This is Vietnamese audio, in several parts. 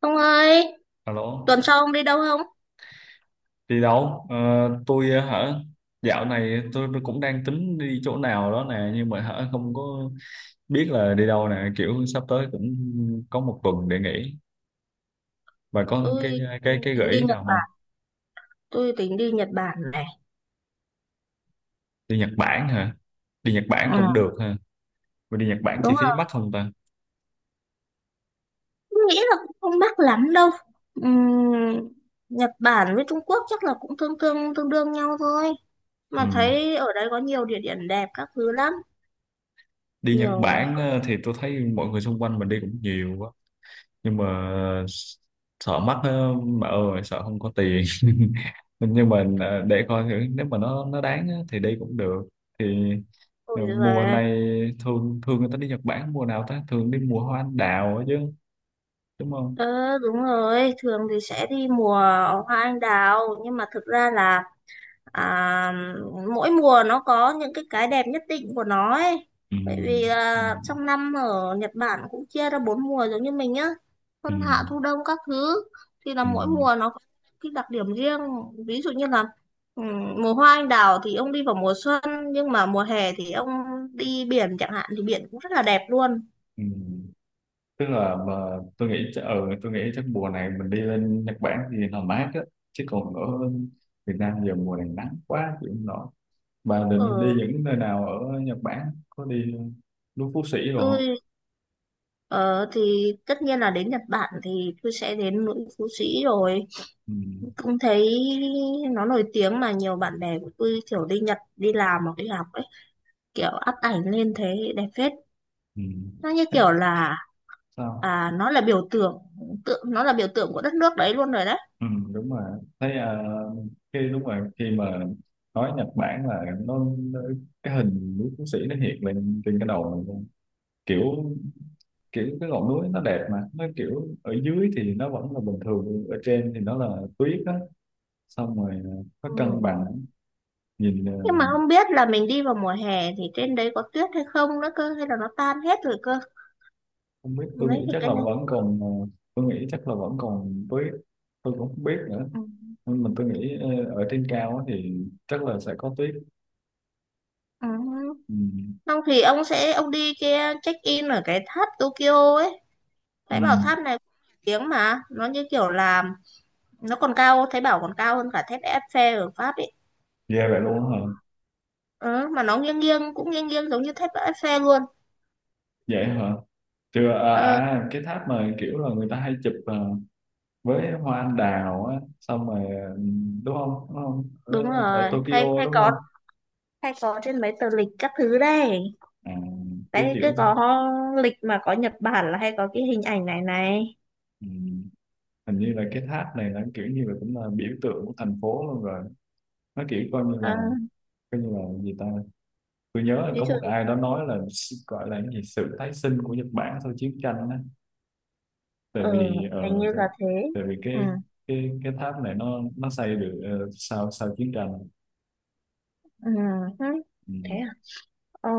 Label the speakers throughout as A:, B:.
A: Ông ơi,
B: Alo,
A: tuần sau ông đi đâu không?
B: đi đâu? Ờ, tôi ờ, hả? Dạo này tôi cũng đang tính đi chỗ nào đó nè, nhưng mà không có biết là đi đâu nè, kiểu sắp tới cũng có một tuần để nghỉ. Bà có cái
A: Tôi
B: cái cái
A: tính
B: gợi
A: đi
B: ý
A: Nhật
B: nào không?
A: Bản, tôi tính đi Nhật Bản này.
B: Đi Nhật Bản hả? Đi Nhật Bản
A: Ừ,
B: cũng được ha. Mà đi Nhật Bản chi
A: đúng
B: phí
A: rồi,
B: mắc không ta?
A: tôi nghĩ là cũng không mắc lắm đâu. Ừm, Nhật Bản với Trung Quốc chắc là cũng tương tương tương đương nhau thôi.
B: Ừ.
A: Mà thấy ở đấy có nhiều địa điểm đẹp các thứ lắm,
B: Đi Nhật
A: nhiều.
B: Bản thì tôi thấy mọi người xung quanh mình đi cũng nhiều quá. Nhưng mà sợ mắc á, bà ơi sợ không có tiền. Nhưng mà để coi thử nếu mà nó đáng á, thì đi cũng được. Thì
A: Ôi
B: mùa
A: giời.
B: này thường thường người ta đi Nhật Bản mùa nào ta, thường đi mùa hoa anh đào á chứ, đúng không?
A: Ờ, đúng rồi, thường thì sẽ đi mùa hoa anh đào, nhưng mà thực ra là à, mỗi mùa nó có những cái đẹp nhất định của nó ấy,
B: Ừ.
A: bởi vì
B: Ừ.
A: là trong năm ở Nhật Bản cũng chia ra bốn mùa giống như mình nhá,
B: Ừ.
A: xuân hạ thu đông các thứ. Thì là
B: Ừ.
A: mỗi mùa nó có cái đặc điểm riêng, ví dụ như là mùa hoa anh đào thì ông đi vào mùa xuân, nhưng mà mùa hè thì ông đi biển chẳng hạn thì biển cũng rất là đẹp luôn.
B: Ừ. Tức là mà ừ, tôi nghĩ chắc mùa này mình đi lên Nhật Bản thì nó mát á, chứ còn ở Việt Nam giờ mùa này nắng quá chịu không nổi. Bà định đi
A: Ở
B: những nơi nào ở Nhật Bản? Có đi núi Phú Sĩ rồi không?
A: tôi, ờ, thì tất nhiên là đến Nhật Bản thì tôi sẽ đến núi Phú Sĩ rồi,
B: Ừ.
A: cũng thấy nó nổi tiếng mà nhiều bạn bè của tôi kiểu đi Nhật đi làm hoặc đi học ấy, kiểu up ảnh lên thế đẹp phết.
B: Ừ.
A: Nó như
B: Thế.
A: kiểu là
B: Sao?
A: nó là biểu tượng, nó là biểu tượng của đất nước đấy luôn rồi đấy.
B: Ừ, đúng rồi. Thấy khi đúng rồi, khi mà nói Nhật Bản là nó cái hình núi Phú Sĩ nó hiện lên trên cái đầu mình luôn. Kiểu kiểu cái ngọn núi nó đẹp, mà nó kiểu ở dưới thì nó vẫn là bình thường, ở trên thì nó là tuyết á, xong rồi nó
A: Ừ.
B: cân bằng nhìn.
A: Nhưng mà không biết là mình đi vào mùa hè thì trên đấy có tuyết hay không nữa cơ, hay là nó tan hết rồi cơ.
B: Không biết, tôi
A: Lấy
B: nghĩ
A: cái
B: chắc
A: cái
B: là
A: này.
B: vẫn còn tôi nghĩ chắc là vẫn còn tuyết, tôi cũng không biết nữa.
A: Ừ.
B: Nhưng mà tôi nghĩ ở trên cao á thì chắc là sẽ có tuyết.
A: Ừ.
B: Ừ.
A: Xong thì ông đi kia check in ở cái tháp Tokyo ấy.
B: Ừ.
A: Thấy bảo tháp này cũng nổi tiếng mà nó như kiểu là nó còn cao, thấy bảo còn cao hơn cả thép Eiffel ở Pháp ấy.
B: Ghê vậy luôn á hả?
A: Ừ, mà nó nghiêng nghiêng cũng nghiêng nghiêng giống như thép Eiffel luôn.
B: Vậy hả? Chưa,
A: ờ,
B: cái tháp mà kiểu là người ta hay chụp với hoa anh đào á, xong rồi đúng không? Đúng không? ở,
A: Đúng
B: ở
A: rồi, hay
B: Tokyo
A: hay
B: đúng
A: có,
B: không?
A: hay có trên mấy tờ lịch các thứ đây.
B: à, cái
A: Đấy cứ
B: kiểu
A: có lịch mà có Nhật Bản là hay có cái hình ảnh này này.
B: ừ. Hình như là cái tháp này nó kiểu như là cũng là biểu tượng của thành phố luôn rồi, nó kiểu
A: Ờ,
B: coi như là gì ta. Tôi nhớ là
A: ví
B: có
A: dụ.
B: một ai đó nói là gọi là cái gì sự tái sinh của Nhật Bản sau chiến tranh á, tại
A: Ừ,
B: vì
A: hình như là thế.
B: tại vì
A: Ừ.
B: cái tháp này nó xây được sau sau chiến tranh.
A: Ừ. Hứ,
B: Ừ.
A: thế à. Ừ.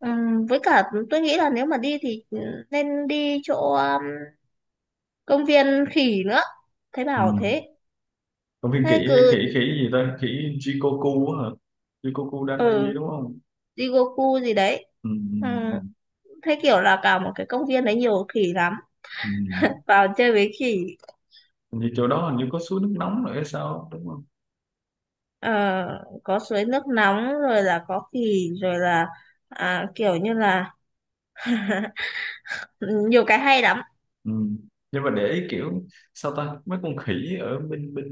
A: Ừ, với cả tôi nghĩ là nếu mà đi thì nên đi chỗ công viên khỉ nữa, thấy
B: Ừ.
A: bảo thế.
B: Còn viên
A: Thế
B: khỉ
A: cứ.
B: khỉ khỉ gì ta, khỉ Jikoku á hả? Jikoku
A: Ừ,
B: Danmaji đúng không?
A: Jigoku gì đấy.
B: Ừ.
A: Ừ.
B: Ừ.
A: Thế kiểu là cả một cái công viên đấy nhiều khỉ lắm,
B: Ừ. Ừ.
A: vào chơi với khỉ.
B: Hình như chỗ đó hình như có suối nước nóng rồi hay sao đúng không?
A: Ờ, có suối nước nóng rồi là có khỉ rồi là kiểu như là nhiều cái hay lắm.
B: Ừ. Nhưng mà để ý kiểu sao ta mấy con khỉ ở bên bên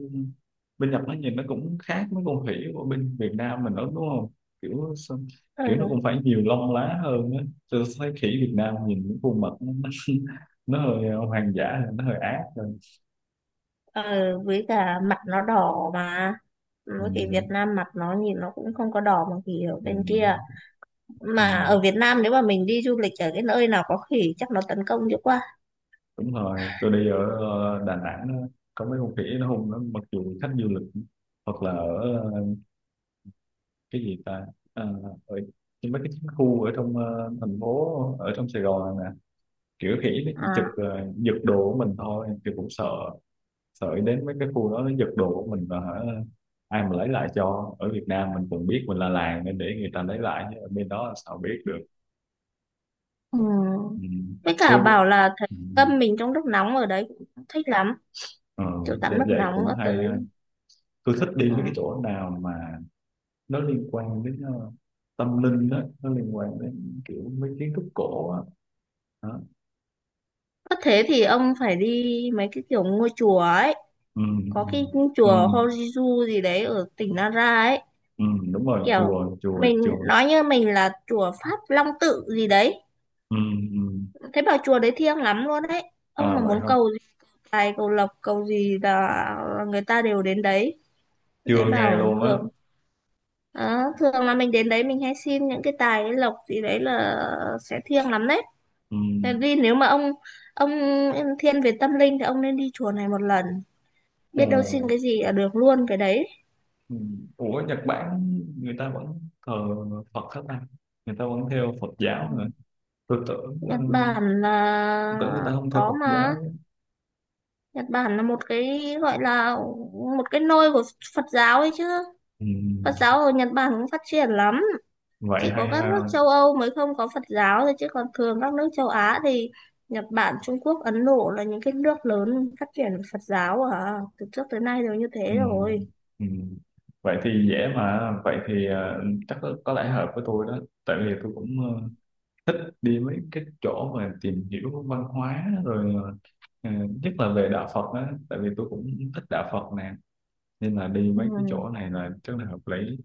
B: bên Nhật nó nhìn nó cũng khác mấy con khỉ của bên Việt Nam mình đó đúng không? kiểu sao- Kiểu nó
A: Ừ.
B: cũng phải nhiều lông lá hơn á. Tôi thấy khỉ Việt Nam nhìn những khuôn mặt nó, nó hơi hoang dã, nó hơi ác hơn.
A: Ờ, với cả mặt nó đỏ mà,
B: Ừ.
A: với cái Việt Nam mặt nó nhìn nó cũng không có đỏ, mà khỉ ở
B: Ừ.
A: bên kia.
B: Ừ.
A: Mà ở Việt Nam nếu mà mình đi du lịch ở cái nơi nào có khỉ chắc nó tấn công dữ quá.
B: Đúng rồi, tôi đi ở Đà Nẵng á, có mấy con khỉ nó hung lắm mặc dù khách du lịch, hoặc là ở cái gì ta, à, ở nhưng mấy cái chiến khu ở trong thành phố, ở trong Sài Gòn nè, kiểu khỉ nó chỉ chụp
A: À.
B: giật đồ của mình thôi thì cũng sợ. Sợ đến mấy cái khu đó nó giật đồ của mình và hả, ai mà lấy lại cho. Ở Việt Nam mình còn biết mình là làng nên để người ta lấy lại, chứ ở bên đó là sao biết được.
A: Ừ.
B: Ừ.
A: Với cả
B: Tôi
A: bảo là thấy
B: ừ.
A: tâm mình trong lúc nóng ở đấy cũng thích lắm,
B: Ờ,
A: kiểu tắm nước
B: vậy
A: nóng
B: cũng
A: các
B: hay
A: thứ.
B: ha. Tôi thích
A: Ừ.
B: đi mấy cái chỗ nào mà nó liên quan đến tâm linh đó, nó liên quan đến kiểu mấy kiến trúc cổ á. Đó.
A: Có thế thì ông phải đi mấy cái kiểu ngôi chùa ấy,
B: Ừ.
A: có cái
B: Ừ.
A: chùa
B: Ừ.
A: Horizu gì đấy ở tỉnh Nara ấy.
B: Ừ, đúng rồi,
A: Kiểu
B: chùa chùa
A: mình
B: chùa.
A: nói như mình là chùa Pháp Long Tự gì đấy.
B: Ừ. Ừ.
A: Thế bảo chùa đấy thiêng lắm luôn đấy, ông
B: À
A: mà
B: vậy
A: muốn
B: không?
A: cầu gì, tài cầu lộc cầu gì là người ta đều đến đấy.
B: Chưa
A: Đấy
B: nghe
A: bảo
B: luôn á.
A: thường. Đó, thường là mình đến đấy mình hay xin những cái tài cái lộc gì đấy là sẽ thiêng lắm đấy.
B: Ừ.
A: Tại vì nếu mà ông thiên về tâm linh thì ông nên đi chùa này một lần,
B: Ồ,
A: biết đâu xin cái gì là được luôn cái đấy.
B: ừ. Ủa, Nhật Bản người ta vẫn thờ Phật hết ta, người ta vẫn theo Phật giáo mà.
A: Ừ.
B: Tôi tưởng
A: Nhật Bản
B: tôi
A: là
B: tưởng người ta không theo
A: có
B: Phật
A: mà,
B: giáo.
A: Nhật Bản là một cái gọi là một cái nôi của Phật giáo ấy chứ. Phật
B: Ừ.
A: giáo ở Nhật Bản cũng phát triển lắm,
B: Vậy
A: chỉ
B: hay
A: có các nước
B: ha.
A: châu Âu mới không có Phật giáo thôi, chứ còn thường các nước châu Á thì Nhật Bản, Trung Quốc, Ấn Độ là những cái nước lớn phát triển Phật giáo, từ trước tới nay đều như
B: Ừ.
A: thế rồi.
B: Ừ. Vậy thì dễ mà, vậy thì chắc có lẽ hợp với tôi đó, tại vì tôi cũng thích đi mấy cái chỗ mà tìm hiểu văn hóa rồi ờ, nhất là về đạo Phật á, tại vì tôi cũng thích đạo Phật nè, nên là đi mấy cái
A: Ừ.
B: chỗ này là rất là hợp lý.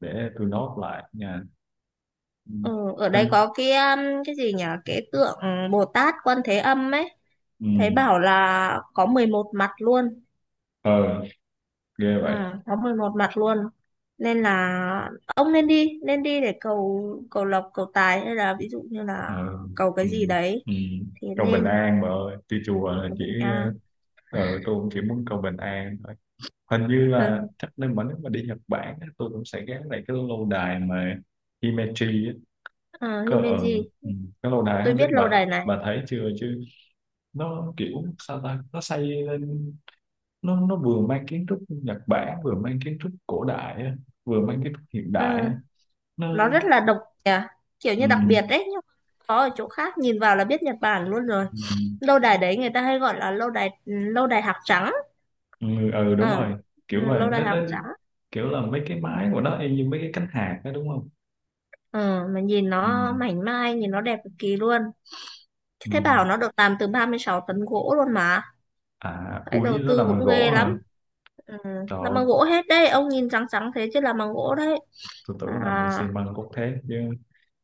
B: Để tôi nốt lại nha. Ừ,
A: Ừ, ở đây
B: hình
A: có cái gì nhỉ? Cái tượng Bồ Tát Quan Thế Âm ấy,
B: ừ.
A: thấy bảo là có 11 mặt luôn.
B: Ờ, ghê
A: Ừ,
B: vậy.
A: có 11 mặt luôn. Nên là ông nên đi để cầu, cầu lộc, cầu tài, hay là ví dụ như là
B: Ờ.
A: cầu cái
B: Ừ.
A: gì đấy
B: Ừ.
A: thì
B: Cầu bình
A: nên
B: an mà ơi, đi chùa là
A: cầu
B: chỉ
A: bình
B: ờ.
A: an.
B: Ờ, tôi cũng chỉ muốn cầu bình an thôi. Hình như là chắc nên mà nếu mà đi Nhật Bản á, tôi cũng sẽ ghé lại cái lâu đài mà Himeji á,
A: Ờ,
B: cơ ở
A: Himeji,
B: ừ, cái lâu đài
A: tôi
B: không biết
A: biết lâu
B: bà
A: đài này.
B: bà thấy chưa chứ. Nó kiểu sao ta, nó xây lên, nó vừa mang kiến trúc Nhật Bản, vừa mang kiến trúc cổ đại á, vừa mang kiến trúc hiện đại
A: Ừ,
B: á. Nó
A: nó rất là độc nhỉ, kiểu như
B: ừ,
A: đặc biệt đấy, nhưng có ở chỗ khác nhìn vào là biết Nhật Bản luôn rồi.
B: ừ,
A: Lâu đài đấy người ta hay gọi là lâu đài lâu đài hạc trắng.
B: ừ, ừ, đúng
A: Ờ.
B: rồi.
A: Ừ,
B: Kiểu vậy
A: lô đại
B: nó
A: học trắng.
B: kiểu là mấy cái mái của nó y như mấy cái cánh hạc đó đúng không?
A: Ờ, mà nhìn
B: Ừ.
A: nó mảnh mai, nhìn nó đẹp cực kỳ luôn.
B: Ừ.
A: Thế bảo nó được làm từ 36 tấn gỗ luôn mà,
B: À,
A: cái
B: ui
A: đầu
B: nó
A: tư
B: làm bằng
A: cũng
B: gỗ
A: ghê lắm.
B: hả?
A: Ừ,
B: Trời
A: làm
B: ơi,
A: bằng gỗ hết đấy, ông nhìn trắng trắng thế chứ làm bằng gỗ đấy.
B: tôi tưởng làm bằng xi
A: À.
B: măng cốt thép chứ.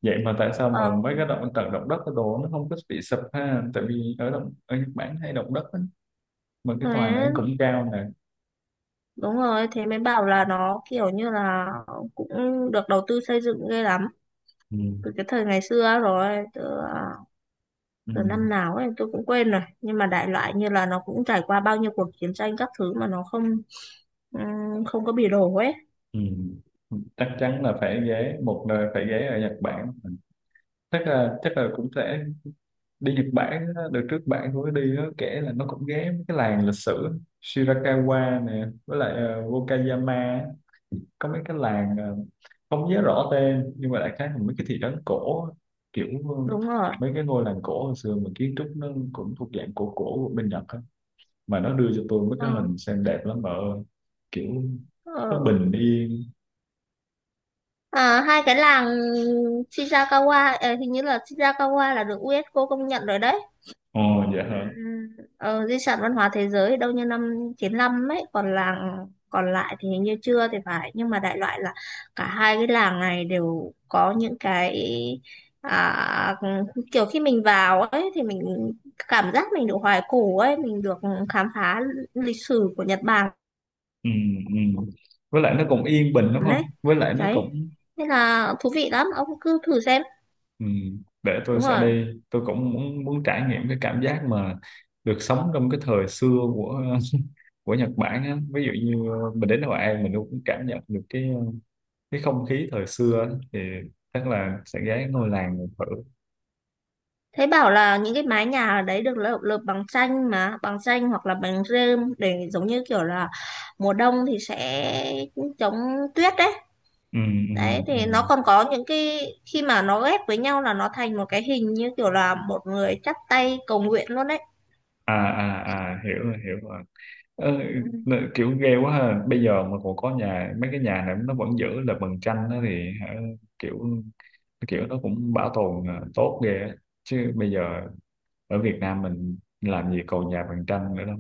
B: Vậy mà tại sao mà
A: Ờ.
B: mấy cái động đất cái đồ nó không có bị sụp ha, tại vì ở động ở Nhật Bản hay động đất á, mà cái tòa này cũng
A: Thế.
B: cao nè.
A: Đúng rồi, thế mới bảo là nó kiểu như là cũng được đầu tư xây dựng ghê lắm
B: Ừ.
A: từ cái thời ngày xưa rồi, à,
B: Ừ.
A: từ năm nào ấy tôi cũng quên rồi, nhưng mà đại loại như là nó cũng trải qua bao nhiêu cuộc chiến tranh các thứ mà nó không, ừ, không có bỉ đổ ấy.
B: Ừ. Chắc chắn là phải ghé một nơi, phải ghé ở Nhật Bản. Chắc là cũng sẽ đi Nhật Bản á. Đợt trước bạn tôi có đi á, kể là nó cũng ghé mấy cái làng lịch sử Shirakawa nè, với lại Wakayama á. Có mấy cái làng không nhớ rõ tên nhưng mà đại khái là mấy cái thị trấn cổ á. Kiểu ờ,
A: Đúng rồi.
B: mấy cái ngôi làng cổ hồi xưa mà kiến trúc nó cũng thuộc dạng cổ cổ của bên Nhật á, mà nó đưa cho tôi mấy
A: Ờ.
B: cái hình xem đẹp lắm mà ơi. Kiểu nó
A: Ờ.
B: bình yên.
A: À, hai cái làng Shirakawa, hình như là Shirakawa là được UNESCO công nhận rồi đấy.
B: Ồ,
A: ừ,
B: dạ hả?
A: Di sản văn hóa thế giới đâu như năm 95 ấy, còn làng còn lại thì hình như chưa thì phải, nhưng mà đại loại là cả hai cái làng này đều có những cái, à, kiểu khi mình vào ấy thì mình cảm giác mình được hoài cổ ấy, mình được khám phá lịch sử của Nhật Bản
B: Ừ, ừ. Với lại nó cũng yên bình đúng
A: ấy.
B: không, với lại nó
A: Đấy,
B: cũng
A: nên là thú vị lắm, ông cứ thử xem.
B: Ừ, để tôi
A: Đúng
B: sẽ
A: rồi,
B: đi, tôi cũng muốn muốn trải nghiệm cái cảm giác mà được sống trong cái thời xưa của của Nhật Bản á. Ví dụ như mình đến Hội An mình cũng cảm nhận được cái không khí thời xưa á, thì chắc là sẽ ghé ngôi làng mình thử.
A: thấy bảo là những cái mái nhà ở đấy được lợp lợp bằng tranh, mà bằng tranh hoặc là bằng rơm, để giống như kiểu là mùa đông thì sẽ chống tuyết đấy.
B: Ừ. Ừ.
A: Đấy thì nó
B: Ừ.
A: còn có những cái khi mà nó ghép với nhau là nó thành một cái hình như kiểu là một người chắp tay cầu nguyện luôn đấy.
B: À, à, à, hiểu rồi, hiểu rồi. Ờ,
A: Ừ.
B: kiểu ghê quá ha, bây giờ mà còn có nhà, mấy cái nhà này nó vẫn giữ là bằng tranh đó thì hả, kiểu kiểu nó cũng bảo tồn tốt ghê á. Chứ bây giờ ở Việt Nam mình làm gì còn nhà bằng tranh nữa đâu.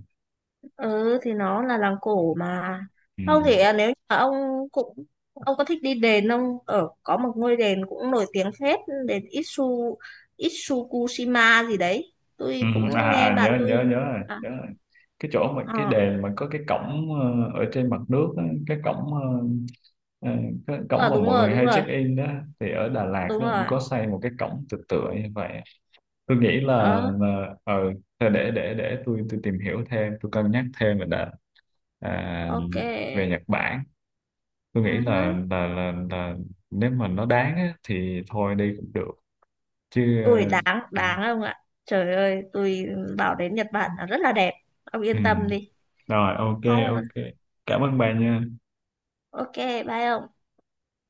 A: Ừ thì nó là làng cổ mà.
B: Ừ.
A: Không thì nếu như mà ông cũng, ông có thích đi đền không, ở có một ngôi đền cũng nổi tiếng phết, đền Itsu, Itsukushima gì đấy,
B: Ừ,
A: tôi cũng
B: à, à
A: nghe
B: à,
A: bạn
B: nhớ
A: tôi.
B: nhớ nhớ rồi,
A: À.
B: nhớ rồi. Cái chỗ mà cái
A: Ờ.
B: đền mà có cái cổng ở trên mặt nước á, cái cổng ờ, cái cổng
A: Ờ,
B: mà
A: đúng
B: mọi
A: rồi,
B: người
A: đúng
B: hay
A: rồi,
B: check in đó. Thì ở Đà Lạt
A: đúng
B: nó cũng
A: rồi.
B: có xây một cái cổng tự tựa như vậy. Tôi nghĩ là
A: Ờ.
B: ờ thôi để tôi tìm hiểu thêm, tôi cân nhắc thêm rồi đã. À,
A: Ok.
B: về Nhật Bản tôi nghĩ
A: Uh.
B: là nếu mà nó đáng á, thì thôi đi cũng được. Chứ
A: Ui, đáng
B: ừ.
A: đáng không ạ? Trời ơi, tôi bảo đến Nhật Bản là rất là đẹp, ông
B: Ừ.
A: yên tâm đi.
B: Rồi ok.
A: Không.
B: Ok, cảm ơn bà nha.
A: Ok. Bye ông.